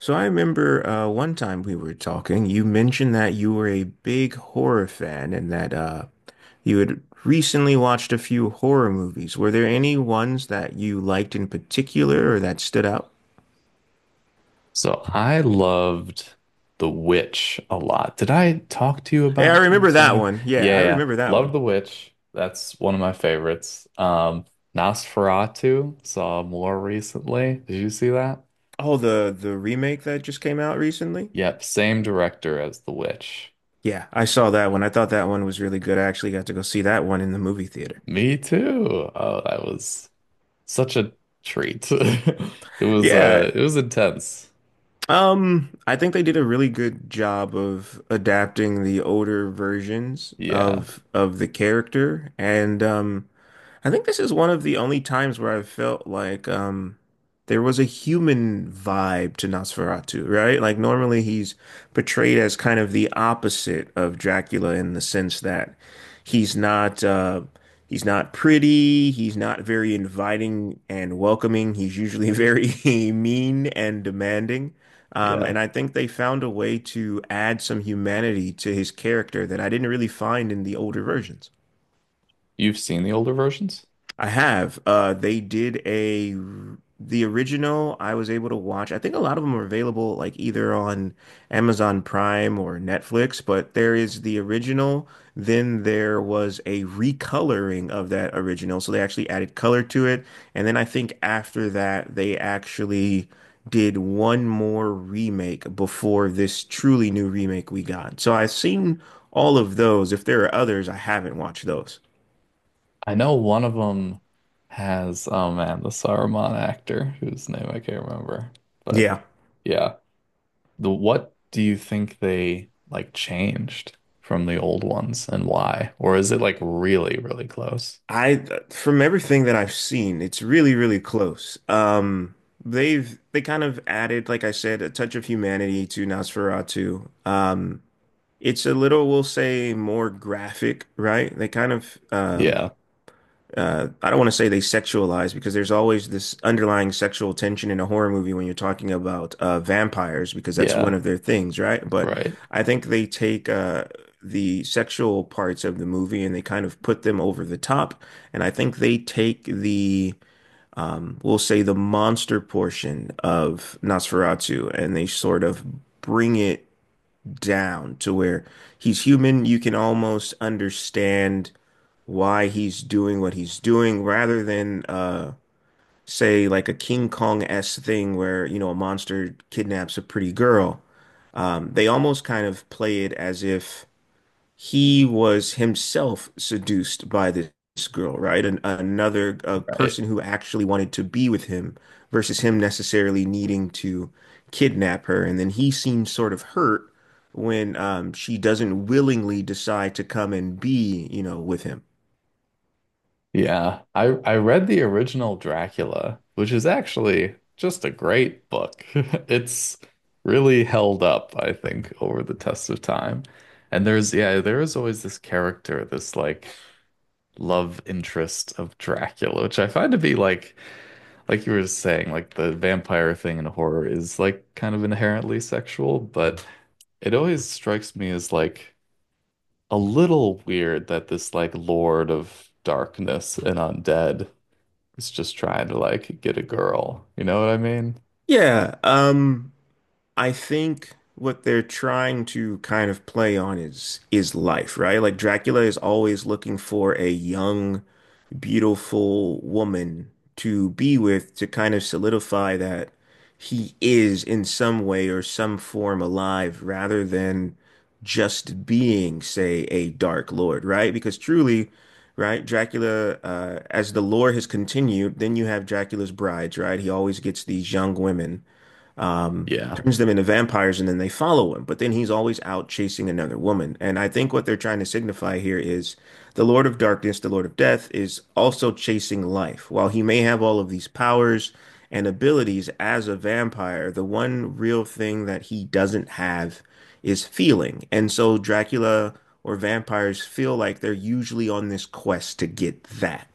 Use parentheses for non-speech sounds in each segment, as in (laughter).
So I remember one time we were talking, you mentioned that you were a big horror fan and that you had recently watched a few horror movies. Were there any ones that you liked in particular or that stood out? So I loved The Witch a lot. Did I talk to you Yeah, I about remember this? that Sorry. one. Yeah, yeah, Yeah, I yeah. remember that Loved one. The Witch. That's one of my favorites. Nosferatu saw more recently. Did you see that? Oh, the remake that just came out recently? Yep, same director as The Witch. Yeah, I saw that one. I thought that one was really good. I actually got to go see that one in the movie theater. Me too. Oh, that was such a treat. (laughs) Yeah. it was intense. I think they did a really good job of adapting the older versions Yeah. of the character, and I think this is one of the only times where I felt like there was a human vibe to Nosferatu, right? Like normally he's portrayed as kind of the opposite of Dracula in the sense that he's not uh, he's not pretty, he's not very inviting and welcoming. He's usually very (laughs) mean and demanding. Yeah. And I think they found a way to add some humanity to his character that I didn't really find in the older versions. You've seen the older versions? I have. They did a the original I was able to watch. I think a lot of them are available like either on Amazon Prime or Netflix, but there is the original. Then there was a recoloring of that original. So they actually added color to it. And then I think after that, they actually did one more remake before this truly new remake we got. So I've seen all of those. If there are others, I haven't watched those. I know one of them has, oh man, the Saruman actor whose name I can't remember. But Yeah. yeah, the what do you think they like changed from the old ones and why? Or is it like really, really close? I from everything that I've seen, it's really, really close. They kind of added, like I said, a touch of humanity to Nosferatu. It's a little, we'll say, more graphic, right? They kind of Yeah, I don't want to say they sexualize because there's always this underlying sexual tension in a horror movie when you're talking about vampires because that's one yeah, of their things, right? But right, I think they take the sexual parts of the movie and they kind of put them over the top. And I think they take the, we'll say, the monster portion of Nosferatu and they sort of bring it down to where he's human. You can almost understand why he's doing what he's doing rather than say like a King Kong-esque thing where, you know, a monster kidnaps a pretty girl. They almost kind of play it as if he was himself seduced by this girl, right? An another a right. person who actually wanted to be with him versus him necessarily needing to kidnap her. And then he seems sort of hurt when she doesn't willingly decide to come and be, you know, with him. Yeah, I read the original Dracula, which is actually just a great book. (laughs) It's really held up, I think, over the test of time. And there's yeah, there is always this character, this like love interest of Dracula, which I find to be like you were saying, like the vampire thing in horror is like kind of inherently sexual, but it always strikes me as like a little weird that this like Lord of Darkness and undead it's just trying to like get a girl. You know what I mean? Yeah. I think what they're trying to kind of play on is life, right? Like Dracula is always looking for a young, beautiful woman to be with to kind of solidify that he is in some way or some form alive rather than just being, say, a dark lord, right? Because truly, right, Dracula, as the lore has continued, then you have Dracula's brides, right? He always gets these young women Yeah. turns them into vampires and then they follow him. But then he's always out chasing another woman. And I think what they're trying to signify here is the Lord of Darkness, the Lord of Death, is also chasing life. While he may have all of these powers and abilities as a vampire, the one real thing that he doesn't have is feeling. And so Dracula or vampires feel like they're usually on this quest to get that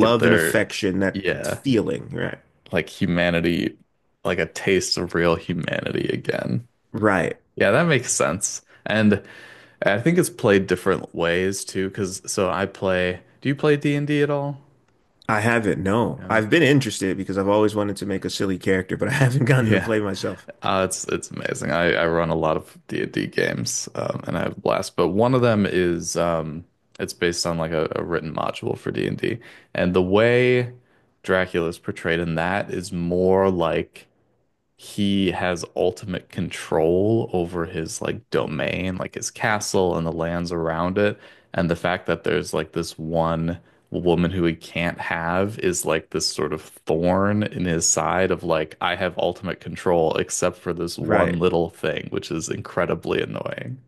Get and their, affection, that yeah, feeling, right? like humanity, like a taste of real humanity again. Right. Yeah, that makes sense. And I think it's played different ways too, because so I play, do you play D&D at all? I haven't, no. Yeah, man. I've been interested because I've always wanted to make a silly character, but (laughs) I haven't gotten to Yeah. play myself. It's amazing. I run a lot of D&D games, and I have a blast. But one of them is it's based on like a written module for D&D. And the way Dracula is portrayed in that is more like he has ultimate control over his like domain, like his castle and the lands around it. And the fact that there's like this one woman who he can't have is like this sort of thorn in his side of like, I have ultimate control except for this one Right. little thing, which is incredibly annoying.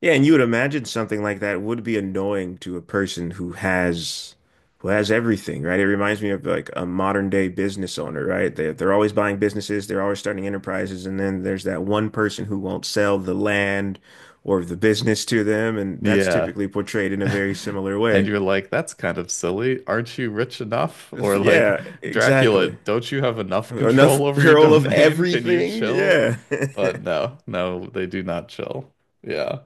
Yeah, and you would imagine something like that would be annoying to a person who has everything, right? It reminds me of like a modern day business owner, right? They're always buying businesses, they're always starting enterprises, and then there's that one person who won't sell the land or the business to them, and that's Yeah. typically portrayed in a very (laughs) similar And way. you're like, that's kind of silly. Aren't you rich enough? (laughs) Or like, Yeah, Dracula, exactly. don't you have enough Enough control (laughs) over your girl of domain? (laughs) Can you everything. chill? Yeah. (laughs) But no, no, they do not chill. Yeah,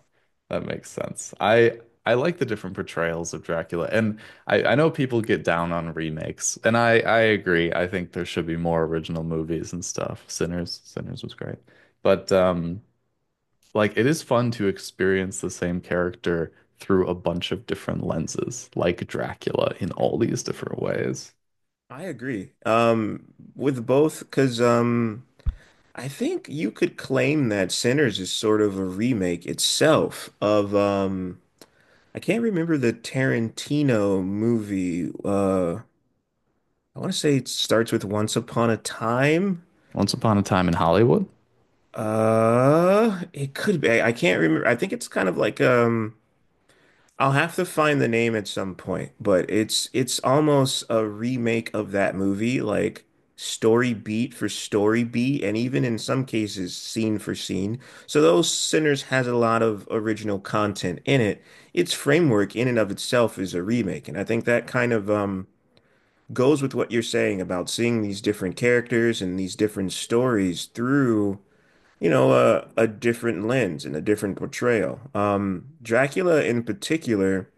that makes sense. I like the different portrayals of Dracula. And I know people get down on remakes, and I agree. I think there should be more original movies and stuff. Sinners, Sinners was great. But like it is fun to experience the same character through a bunch of different lenses, like Dracula in all these different ways. I agree. With both, because I think you could claim that Sinners is sort of a remake itself of I can't remember the Tarantino movie. I want to say it starts with Once Upon a Time. Once upon a time in Hollywood. It could be. I can't remember. I think it's kind of like I'll have to find the name at some point, but it's almost a remake of that movie, like story beat for story beat, and even in some cases scene for scene. So those Sinners has a lot of original content in it. Its framework in and of itself is a remake, and I think that kind of goes with what you're saying about seeing these different characters and these different stories through you know, a different lens and a different portrayal. Dracula in particular,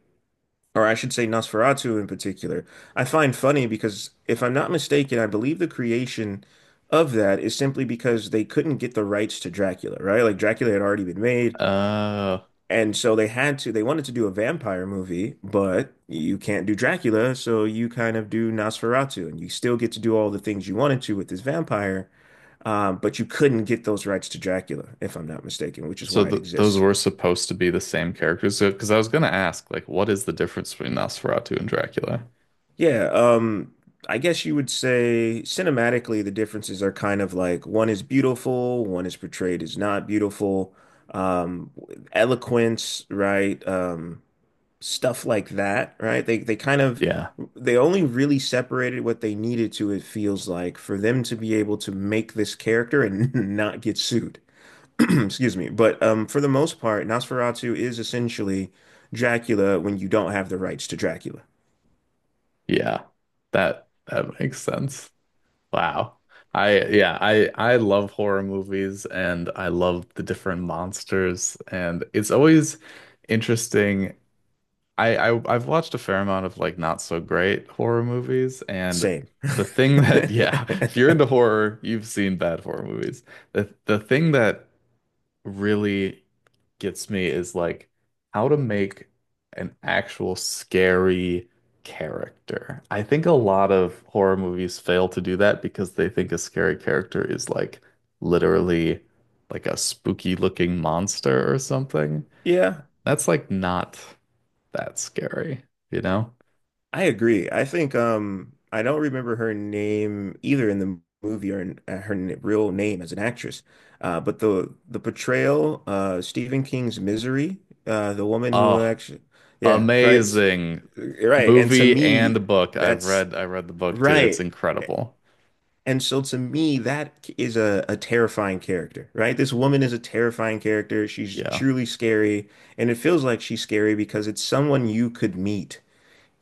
or I should say Nosferatu in particular, I find funny because if I'm not mistaken, I believe the creation of that is simply because they couldn't get the rights to Dracula, right? Like Dracula had already been made, Uh, and so they had to, they wanted to do a vampire movie, but you can't do Dracula, so you kind of do Nosferatu, and you still get to do all the things you wanted to with this vampire, but you couldn't get those rights to Dracula, if I'm not mistaken, which is so why it th those exists. were supposed to be the same characters. So, because I was gonna ask, like, what is the difference between Nosferatu and Dracula? Yeah, I guess you would say cinematically, the differences are kind of like one is beautiful, one is portrayed as not beautiful. Um, Eloquence, right? Stuff like that, right? They kind of Yeah, they only really separated what they needed to, it feels like, for them to be able to make this character and (laughs) not get sued. (clears throat) Excuse me. But for the most part, Nosferatu is essentially Dracula when you don't have the rights to Dracula. yeah, that that makes sense. Wow. I yeah, I love horror movies and I love the different monsters and it's always interesting. I've watched a fair amount of like not so great horror movies, and Same. the thing that yeah, (laughs) (laughs) if you're into horror, you've seen bad horror movies. The thing that really gets me is like how to make an actual scary character. I think a lot of horror movies fail to do that because they think a scary character is like literally like a spooky looking monster or something. Yeah, That's like not that's scary, you know? I agree. I think I don't remember her name either in the movie or in, her n real name as an actress. But the portrayal Stephen King's Misery, the woman who Oh, actually yeah, right. S- amazing Right. And to movie me and book. That's I read the book too. It's right. incredible. And so to me that is a terrifying character, right? This woman is a terrifying character. She's Yeah, truly scary and it feels like she's scary because it's someone you could meet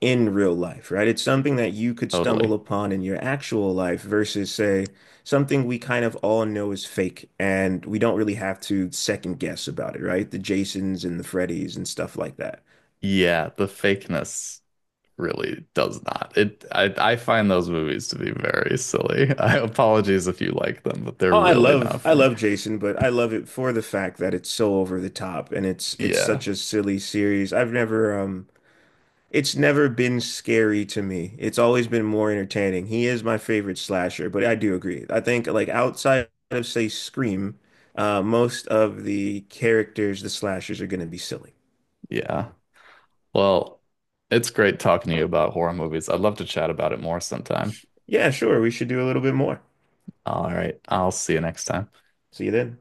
in real life, right? It's something that you could stumble totally. upon in your actual life versus, say, something we kind of all know is fake and we don't really have to second guess about it, right? The Jasons and the Freddys and stuff like that. Yeah, the fakeness really does not. It I find those movies to be very silly. (laughs) I apologies if you like them, but they're Oh, really not I for me. love Jason, but I love it for the fact that it's so over the top and it's Yeah. such a silly series. I've never it's never been scary to me. It's always been more entertaining. He is my favorite slasher, but I do agree. I think like outside of say Scream, most of the characters, the slashers, are going to be silly. Yeah. Well, it's great talking to you about horror movies. I'd love to chat about it more sometime. Yeah, sure. We should do a little bit more. All right. I'll see you next time. See you then.